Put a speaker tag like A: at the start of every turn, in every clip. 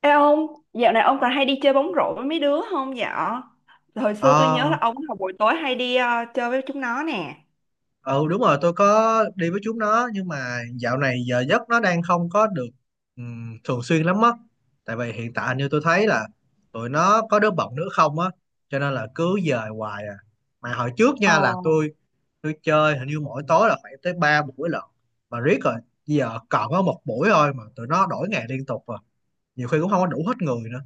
A: Ê ông, dạo này ông còn hay đi chơi bóng rổ với mấy đứa không dạ? Hồi xưa tôi nhớ
B: Ờ,
A: là ông vào buổi tối hay đi chơi với chúng nó nè.
B: ừ đúng rồi, tôi có đi với chúng nó, nhưng mà dạo này giờ giấc nó đang không có được thường xuyên lắm á. Tại vì hiện tại như tôi thấy là tụi nó có đứa bận nữa không á, cho nên là cứ dời hoài à. Mà hồi trước
A: Ồ,
B: nha là tôi chơi hình như mỗi tối là phải tới ba buổi lận, mà riết rồi giờ còn có một buổi thôi, mà tụi nó đổi ngày liên tục rồi, nhiều khi cũng không có đủ hết người nữa.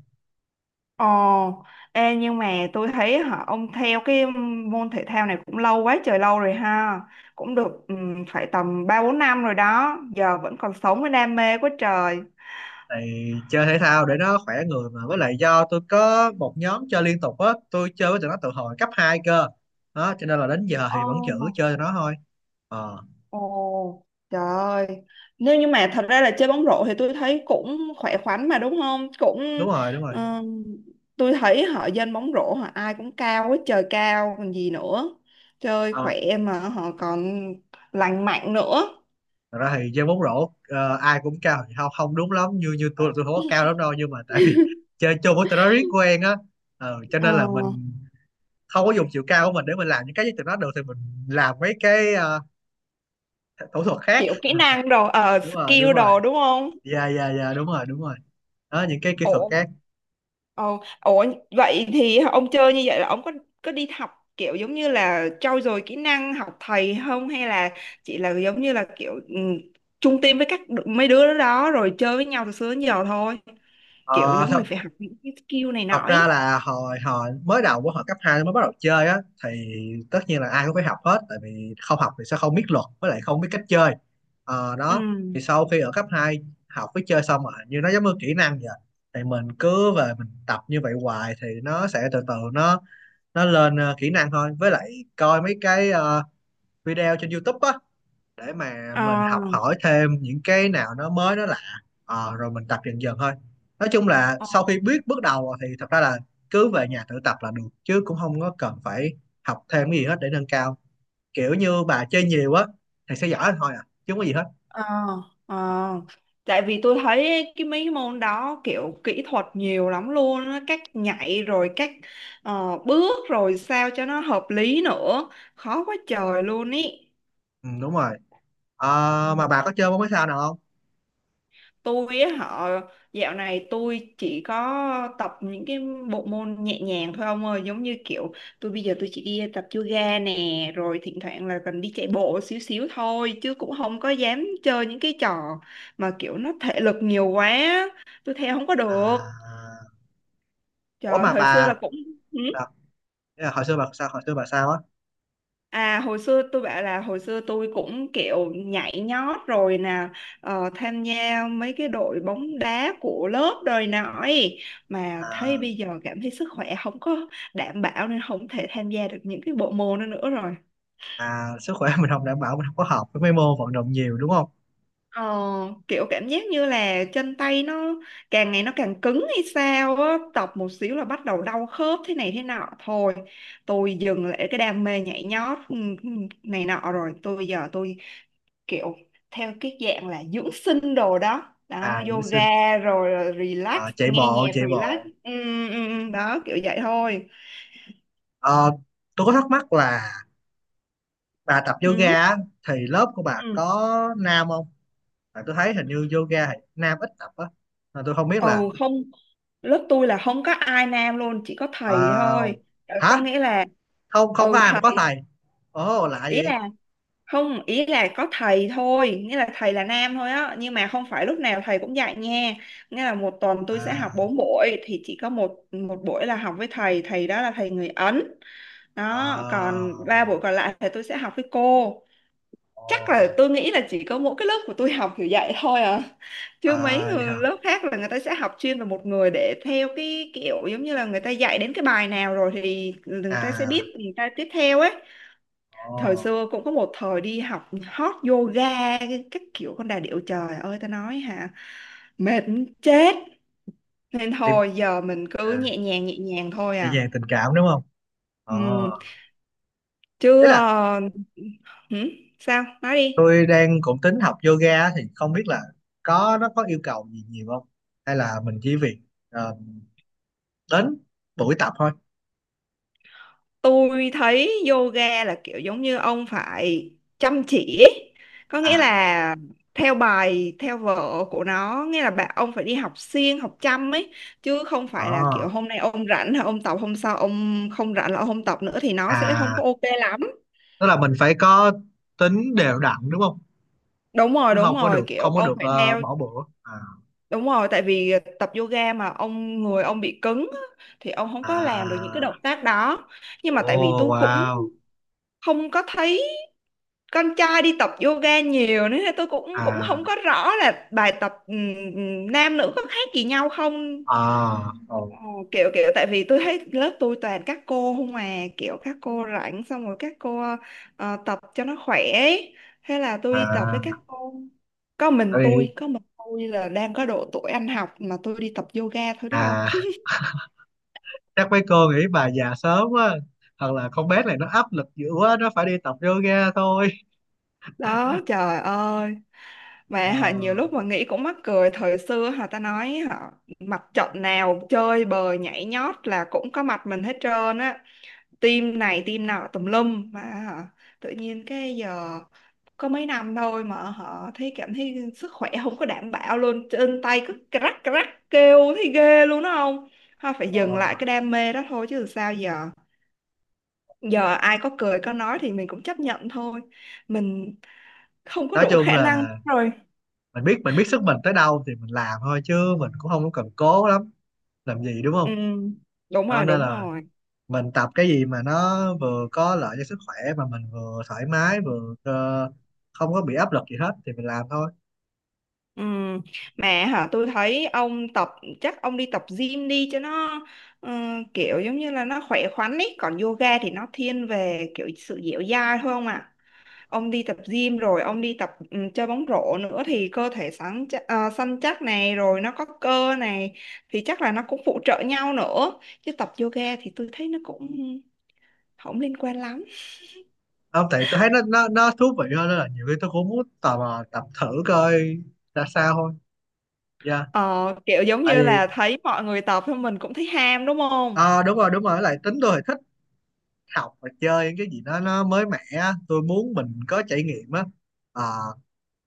A: ồ, ê nhưng mà tôi thấy hả, ông theo cái môn thể thao này cũng lâu quá trời lâu rồi ha. Cũng được phải tầm 3 4 năm rồi đó, giờ vẫn còn sống với đam mê quá trời.
B: Thì chơi thể thao để nó khỏe người, mà với lại do tôi có một nhóm chơi liên tục á, tôi chơi với tụi nó từ hồi cấp 2 cơ. Đó cho nên là đến giờ
A: Ồ.
B: thì vẫn giữ chơi tụi nó thôi. Ờ.
A: Ồ, trời ơi. Nếu như mà thật ra là chơi bóng rổ thì tôi thấy cũng khỏe khoắn mà đúng không? Cũng
B: Đúng rồi, đúng rồi.
A: ừm, tôi thấy họ dân bóng rổ họ ai cũng cao hết trời cao còn gì nữa. Chơi
B: Ờ,
A: khỏe mà họ còn lành mạnh nữa.
B: thật ra thì chơi bóng rổ ai cũng cao thì không không đúng lắm, như như tôi là tôi không có cao lắm đâu, nhưng mà tại vì chơi chung với tụi nó riết quen á. Cho nên
A: Ờ,
B: là mình không có dùng chiều cao của mình để mình làm những cái với tụi nó được, thì mình làm mấy cái thủ thuật khác.
A: kiểu kỹ năng đồ
B: Đúng rồi, đúng
A: skill
B: rồi.
A: đồ đúng không?
B: Dạ, dạ, dạ, đúng rồi, đúng rồi. Đó, những cái kỹ thuật
A: Ủa,
B: khác.
A: ồ, ủa, vậy thì ông chơi như vậy là ông có đi học kiểu giống như là trau dồi kỹ năng học thầy không hay là chỉ là giống như là kiểu chung team với mấy đứa đó rồi chơi với nhau từ xưa đến giờ thôi kiểu
B: Ờ,
A: giống
B: thật
A: mình phải học những cái skill này nọ
B: thật ra
A: ấy.
B: là hồi hồi mới đầu của hồi cấp 2 mới bắt đầu chơi á, thì tất nhiên là ai cũng phải học hết, tại vì không học thì sẽ không biết luật, với lại không biết cách chơi. Ờ,
A: Ừ.
B: đó. Thì sau khi ở cấp 2 học với chơi xong rồi, như nó giống như kỹ năng vậy, thì mình cứ về mình tập như vậy hoài thì nó sẽ từ từ nó lên kỹ năng thôi, với lại coi mấy cái video trên YouTube á, để mà mình học
A: Ờ.
B: hỏi thêm những cái nào nó mới nó lạ. Ờ, rồi mình tập dần dần thôi. Nói chung là
A: Ờ.
B: sau khi biết bước đầu thì thật ra là cứ về nhà tự tập là được, chứ cũng không có cần phải học thêm cái gì hết để nâng cao. Kiểu như bà chơi nhiều á thì sẽ giỏi thôi à, chứ không có gì hết.
A: Ờ, ờ. Tại vì tôi thấy cái mấy môn đó kiểu kỹ thuật nhiều lắm luôn á, cách nhảy rồi cách bước rồi sao cho nó hợp lý nữa, khó quá trời luôn ý.
B: Ừ, đúng rồi. Ờ, mà bà có chơi bóng mấy sao nào không?
A: Tôi á họ dạo này tôi chỉ có tập những cái bộ môn nhẹ nhàng thôi ông ơi giống như kiểu tôi bây giờ tôi chỉ đi tập yoga nè rồi thỉnh thoảng là cần đi chạy bộ xíu xíu thôi chứ cũng không có dám chơi những cái trò mà kiểu nó thể lực nhiều quá tôi theo không có được.
B: À, ủa
A: Trời
B: mà
A: thời xưa
B: bà
A: là cũng ừ,
B: sao? Ý là hồi xưa bà sao, hồi xưa bà sao á.
A: à hồi xưa tôi bảo là hồi xưa tôi cũng kiểu nhảy nhót rồi nè, tham gia mấy cái đội bóng đá của lớp đời nọ ấy. Mà thấy
B: à,
A: bây giờ cảm thấy sức khỏe không có đảm bảo nên không thể tham gia được những cái bộ môn đó nữa rồi,
B: À, sức khỏe mình không đảm bảo, mình không có hợp với mấy môn vận động nhiều đúng không.
A: ờ, kiểu cảm giác như là chân tay nó càng ngày nó càng cứng hay sao á tập một xíu là bắt đầu đau khớp thế này thế nọ thôi tôi dừng lại cái đam mê nhảy nhót ừ, ừ, này nọ rồi tôi bây giờ tôi kiểu theo cái dạng là dưỡng sinh đồ đó đó
B: À.
A: yoga rồi relax
B: Ờ, chạy
A: nghe
B: bộ,
A: nhạc
B: chạy
A: relax
B: bộ.
A: ừ, ừ, ừ, đó kiểu vậy thôi.
B: Ờ, tôi có thắc mắc là bà tập
A: Ừ.
B: yoga á, thì lớp của bà
A: Ừ.
B: có nam không? Tại tôi thấy hình như yoga thì nam ít tập á, mà tôi không biết
A: Ừ,
B: là.
A: không, lớp tôi là không có ai nam luôn chỉ có thầy
B: Wow.
A: thôi. Ờ, có
B: Hả?
A: nghĩa là
B: Không, không có
A: ừ
B: ai mà có
A: thầy,
B: thầy? Ồ, lạ
A: ý
B: vậy.
A: là không, ý là có thầy thôi nghĩa là thầy là nam thôi á nhưng mà không phải lúc nào thầy cũng dạy nha nghĩa là một tuần tôi sẽ học
B: À.
A: 4 buổi thì chỉ có một một buổi là học với thầy thầy đó là thầy người Ấn, đó
B: Ờ.
A: còn 3 buổi còn lại thì tôi sẽ học với cô.
B: Ồ.
A: Chắc là tôi nghĩ là chỉ có mỗi cái lớp của tôi học kiểu vậy thôi à chứ mấy
B: À, vậy
A: người
B: hả.
A: lớp khác là người ta sẽ học chuyên về một người để theo cái kiểu giống như là người ta dạy đến cái bài nào rồi thì người ta sẽ
B: À.
A: biết người ta tiếp theo ấy.
B: Ồ.
A: Thời xưa cũng có một thời đi học hot yoga các kiểu con đà điểu trời ơi ta nói hả mệt muốn chết nên
B: Tiếp.
A: thôi giờ mình cứ
B: À,
A: nhẹ nhàng thôi
B: dễ
A: à.
B: dàng tình cảm đúng không.
A: Ừ.
B: ờ
A: Chứ
B: Thế là
A: hử? Sao nói đi.
B: tôi đang cũng tính học yoga thì không biết là nó có yêu cầu gì nhiều không, hay là mình chỉ việc ờ, đến buổi tập thôi.
A: Tôi thấy yoga là kiểu giống như ông phải chăm chỉ có nghĩa
B: à
A: là theo bài theo vở của nó nghĩa là bạn ông phải đi học siêng học chăm ấy chứ không phải là kiểu
B: à,
A: hôm nay ông rảnh là ông tập hôm sau ông không rảnh là ông không tập nữa thì nó sẽ không
B: À,
A: có ok lắm.
B: tức là mình phải có tính đều đặn đúng không?
A: Đúng rồi,
B: Chứ
A: đúng
B: không có
A: rồi,
B: được
A: kiểu
B: không có
A: ông
B: được
A: phải
B: ờ,
A: theo.
B: bỏ bữa à.
A: Đúng rồi tại vì tập yoga mà ông người ông bị cứng á, thì ông không có làm được những
B: À.
A: cái động tác đó nhưng mà tại vì
B: Oh
A: tôi cũng
B: wow.
A: không có thấy con trai đi tập yoga nhiều nữa tôi cũng cũng không
B: à
A: có rõ là bài tập nam nữ có khác gì nhau không.
B: à oh.
A: Ờ, kiểu kiểu tại vì tôi thấy lớp tôi toàn các cô không mà kiểu các cô rảnh xong rồi các cô tập cho nó khỏe ấy. Thế là tôi đi tập với các
B: À,
A: cô, có mình
B: tại vì.
A: tôi có mình tôi là đang có độ tuổi ăn học mà tôi đi tập yoga thôi đó không.
B: À, chắc mấy cô nghĩ bà già sớm quá, hoặc là con bé này nó áp lực dữ quá nó phải đi tập yoga thôi.
A: Đó, trời ơi.
B: Ờ,
A: Và họ nhiều lúc mà nghĩ cũng mắc cười thời xưa họ ta nói họ mặt trận nào chơi bời nhảy nhót là cũng có mặt mình hết trơn á team này team nọ tùm lum mà họ, tự nhiên cái giờ có mấy năm thôi mà họ thấy cảm thấy sức khỏe không có đảm bảo luôn chân tay cứ crack crack kêu thấy ghê luôn đó không họ phải
B: ờ.
A: dừng lại cái đam mê đó thôi chứ sao giờ, giờ ai có cười có nói thì mình cũng chấp nhận thôi mình không có
B: Nói
A: đủ
B: chung
A: khả năng
B: là
A: rồi.
B: mình biết sức mình tới đâu thì mình làm thôi, chứ mình cũng không có cần cố lắm làm gì đúng
A: Ừ,
B: không.
A: đúng
B: Đó,
A: rồi,
B: nên
A: đúng
B: là
A: rồi.
B: mình tập cái gì mà nó vừa có lợi cho sức khỏe, mà mình vừa thoải mái vừa không có bị áp lực gì hết, thì mình làm thôi.
A: Ừ, mẹ hả tôi thấy ông tập chắc ông đi tập gym đi cho nó ờ, kiểu giống như là nó khỏe khoắn ý còn yoga thì nó thiên về kiểu sự dẻo dai thôi không ạ, ông đi tập gym rồi ông đi tập ừ, chơi bóng rổ nữa thì cơ thể sáng chắc, săn chắc này rồi nó có cơ này thì chắc là nó cũng phụ trợ nhau nữa chứ tập yoga thì tôi thấy nó cũng không liên quan lắm.
B: Không, tại tôi thấy nó thú vị hơn, nên là nhiều khi tôi cũng muốn tò mò tập thử coi ra sao thôi. Dạ.
A: Ờ, kiểu giống
B: Tại
A: như
B: vì
A: là thấy mọi người tập thôi mình cũng thấy ham đúng không.
B: ờ, đúng rồi, đúng rồi. Với lại tính tôi thì thích học và chơi những cái gì đó nó mới mẻ á. Tôi muốn mình có trải nghiệm á. Ờ,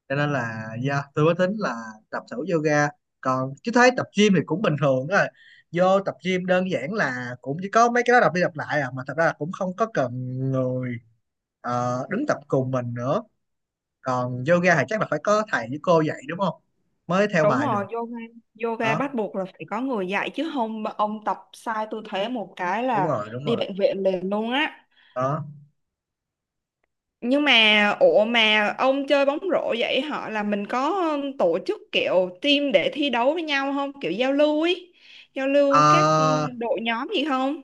B: cho nên là yeah, tôi mới tính là tập thử yoga. Còn chứ thấy tập gym thì cũng bình thường thôi, vô tập gym đơn giản là cũng chỉ có mấy cái đó đọc đi đọc lại à, mà thật ra là cũng không có cần người đứng tập cùng mình nữa. Còn yoga thì chắc là phải có thầy với cô dạy đúng không, mới theo
A: Đúng
B: bài được.
A: rồi, yoga, yoga
B: Đó,
A: bắt buộc là phải có người dạy chứ không mà ông tập sai tư thế một cái
B: đúng
A: là
B: rồi, đúng
A: đi
B: rồi,
A: bệnh viện liền luôn á.
B: đó.
A: Nhưng mà ủa mà ông chơi bóng rổ vậy họ là mình có tổ chức kiểu team để thi đấu với nhau không? Kiểu giao lưu ý, giao lưu các
B: Ờ,
A: đội nhóm gì không?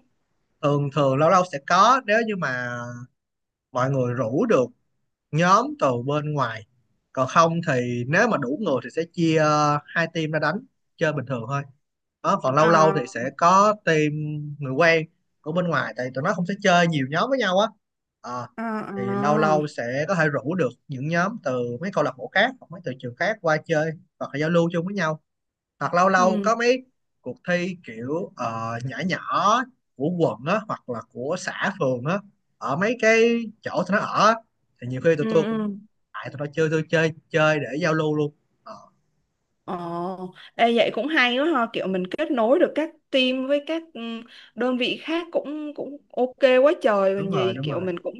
B: thường thường lâu lâu sẽ có, nếu như mà mọi người rủ được nhóm từ bên ngoài. Còn không thì nếu mà đủ người thì sẽ chia hai team ra đánh chơi bình thường thôi. Đó, còn lâu lâu thì
A: Ờ,
B: sẽ có team người quen của bên ngoài, tại tụi nó không sẽ chơi nhiều nhóm với nhau á. Ờ,
A: ờ,
B: thì lâu
A: ờ.
B: lâu sẽ có thể rủ được những nhóm từ mấy câu lạc bộ khác, hoặc mấy từ trường khác qua chơi, hoặc là giao lưu chung với nhau, hoặc lâu lâu
A: Ừ,
B: có mấy cuộc thi kiểu nhỏ nhỏ của quận á, hoặc là của xã phường á, ở mấy cái chỗ tụi nó ở á, thì nhiều khi tụi
A: ừ,
B: tôi cũng
A: ừ.
B: tại tụi nó chơi, tôi chơi chơi để giao lưu luôn. Ờ,
A: Ồ, ê, vậy cũng hay quá ha, kiểu mình kết nối được các team với các đơn vị khác cũng cũng ok quá trời
B: đúng
A: còn
B: rồi,
A: gì,
B: đúng
A: kiểu
B: rồi.
A: mình cũng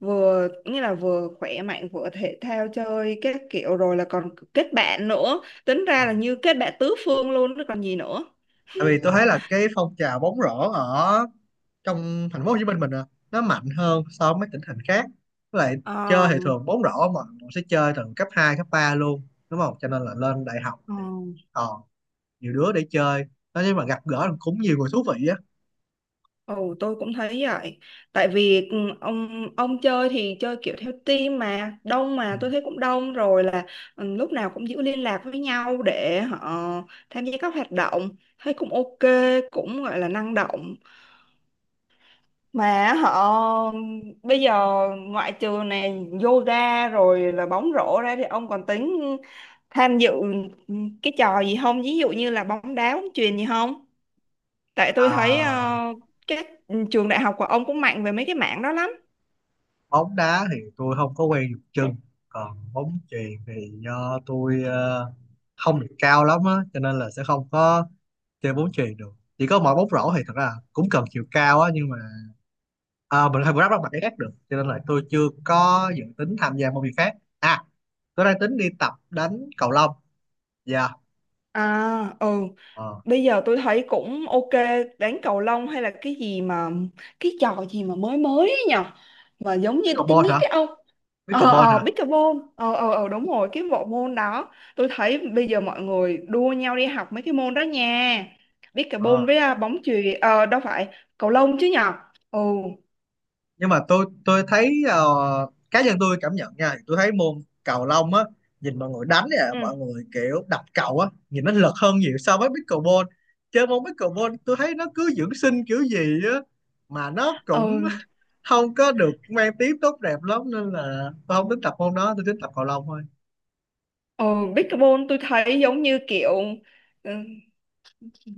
A: vừa như là vừa khỏe mạnh vừa thể thao chơi các kiểu rồi là còn kết bạn nữa, tính
B: Ừ.
A: ra là như kết bạn tứ phương luôn chứ còn gì nữa.
B: Tại vì tôi thấy là cái phong trào bóng rổ ở trong thành phố Hồ Chí Minh mình à, nó mạnh hơn so với mấy tỉnh thành khác, với lại chơi
A: Ờ,
B: thì thường bóng rổ mà mình sẽ chơi từ cấp 2 cấp 3 luôn đúng không, cho nên là lên đại học
A: ờ.
B: thì ờ nhiều đứa để chơi. Nói chung là gặp gỡ cũng nhiều người thú vị á.
A: Ừ, tôi cũng thấy vậy. Tại vì ừ, ông chơi thì chơi kiểu theo team mà đông
B: Ừ.
A: mà tôi thấy cũng đông rồi là ừ, lúc nào cũng giữ liên lạc với nhau để họ tham gia các hoạt động thấy cũng ok cũng gọi là năng động mà họ bây giờ ngoại trừ này yoga rồi là bóng rổ ra thì ông còn tính tham dự cái trò gì không ví dụ như là bóng đá bóng chuyền gì không? Tại tôi thấy
B: À,
A: các trường đại học của ông cũng mạnh về mấy cái mảng đó lắm.
B: bóng đá thì tôi không có quen dùng chân, còn bóng chuyền thì do tôi không được cao lắm á, cho nên là sẽ không có chơi bóng chuyền được. Chỉ có mỗi bóng rổ thì thật ra cũng cần chiều cao á, nhưng mà à, mình không có đáp mặt cái khác được, cho nên là tôi chưa có dự tính tham gia môn việc khác. À, tôi đang tính đi tập đánh cầu lông. Dạ.
A: À, ừ,
B: ờ
A: bây giờ tôi thấy cũng ok đánh cầu lông hay là cái gì mà cái trò gì mà mới mới ấy nhở mà giống như
B: Pickleball
A: tennis
B: hả?
A: ấy ông. Ờ,
B: Pickleball
A: ờ,
B: hả?
A: pickleball, ờ, ờ, ờ, đúng rồi cái bộ môn đó tôi thấy bây giờ mọi người đua nhau đi học mấy cái môn đó nha
B: ờ
A: pickleball với à, bóng chuyền đâu phải cầu lông chứ nhở. Ừ.
B: nhưng mà tôi thấy cá nhân tôi cảm nhận nha, tôi thấy môn cầu lông á, nhìn mọi người đánh nè,
A: Ừ.
B: mọi người kiểu đập cầu á, nhìn nó lật hơn nhiều so với pickleball. Chơi môn pickleball tôi thấy nó cứ dưỡng sinh kiểu gì á, mà nó cũng
A: Ừ.
B: không có được mang tiếng tốt đẹp lắm, nên là tôi không tính tập môn đó, tôi tính tập cầu lông thôi.
A: Ừ, pickleball tôi thấy giống như kiểu ừ,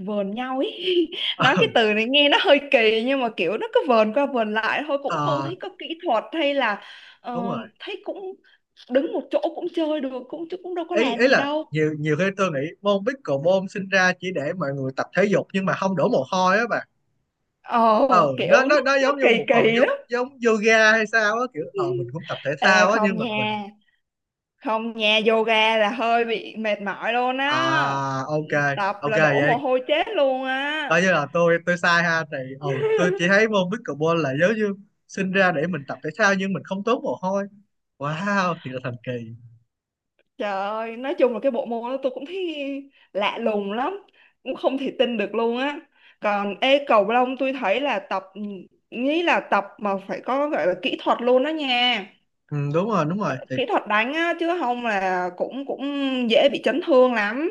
A: vờn nhau ý. Nói cái
B: Ừ,
A: từ này nghe nó hơi kỳ nhưng mà kiểu nó cứ vờn qua vờn lại thôi cũng không
B: ờ,
A: thấy có kỹ thuật hay là
B: đúng
A: ờ,
B: rồi.
A: thấy cũng đứng một chỗ cũng chơi được cũng chứ cũng đâu có
B: ý
A: làm
B: ý
A: gì
B: là
A: đâu.
B: nhiều nhiều khi tôi nghĩ môn pickleball sinh ra chỉ để mọi người tập thể dục nhưng mà không đổ mồ hôi á bà.
A: ờ
B: ờ
A: Kiểu
B: nó nó nó
A: nó
B: giống như
A: kỳ
B: một phần
A: kỳ
B: giống
A: lắm.
B: giống yoga hay sao á, kiểu mình cũng tập thể
A: Ê,
B: thao á
A: không
B: nhưng mà mình.
A: nha, không nha yoga là hơi bị mệt mỏi luôn á
B: À, ok.
A: tập
B: Ok
A: là đổ mồ
B: vậy,
A: hôi chết luôn á.
B: coi như là tôi sai ha thì tôi chỉ thấy môn pickleball là giống như sinh ra để mình tập thể thao nhưng mình không tốn mồ hôi. Wow, thì là thần kỳ.
A: Trời ơi, nói chung là cái bộ môn đó tôi cũng thấy lạ lùng lắm, cũng không thể tin được luôn á. Còn ê cầu lông tôi thấy là tập nghĩ là tập mà phải có gọi là kỹ thuật luôn đó nha.
B: Ừ, đúng rồi, đúng rồi, thì
A: Kỹ thuật đánh á chứ không là cũng cũng dễ bị chấn thương lắm.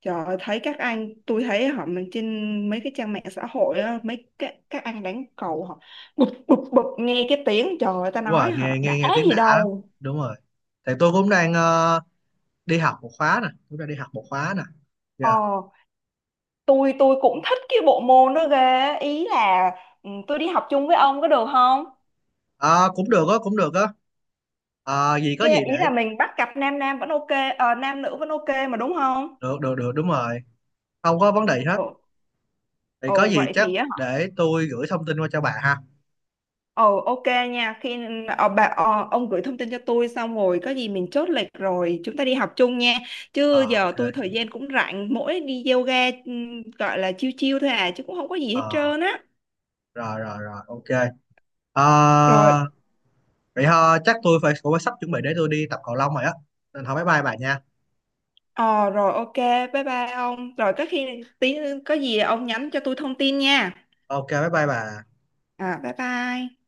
A: Trời ơi, thấy các anh tôi thấy họ mình trên mấy cái trang mạng xã hội á, mấy các anh đánh cầu họ bụp bụp bụp nghe cái tiếng trời ơi ta
B: đúng rồi.
A: nói họ
B: nghe nghe
A: đã
B: nghe tiếng
A: gì
B: đã lắm,
A: đâu.
B: đúng rồi, thì tôi cũng đang đi học một khóa nè, cũng đang đi học một khóa nè dạ
A: Ờ, tôi cũng thích cái bộ môn đó ghê ý là ừ, tôi đi học chung với ông có được không
B: Ờ, cũng được á, cũng được á. Ờ, gì có
A: cái
B: gì
A: ý
B: để.
A: là mình bắt cặp nam nam vẫn ok, nam nữ vẫn ok mà đúng không.
B: Được, được, được, đúng rồi, không có vấn đề gì hết.
A: Ồ.
B: Thì có
A: Ồ,
B: gì
A: vậy
B: chắc
A: thì á hả?
B: để tôi gửi thông tin qua cho bạn ha.
A: Ồ, ok. Nha khi ông gửi thông tin cho tôi xong rồi có gì mình chốt lịch rồi chúng ta đi học chung nha chứ
B: Ờ,
A: giờ
B: ok.
A: tôi thời gian cũng rảnh mỗi đi yoga ừ, gọi là chiêu chiêu thôi à chứ cũng không có gì hết
B: Ờ,
A: trơn á.
B: rồi, rồi, rồi, ok. ờ
A: Rồi.
B: Vậy thôi chắc tôi phải cũng phải sắp chuẩn bị để tôi đi tập cầu lông rồi á, nên thôi bye bye bà nha.
A: Ờ, rồi ok bye bye ông rồi có khi tí có gì ông nhắn cho tôi thông tin nha.
B: Ok, bye bye bà.
A: À, bye bye.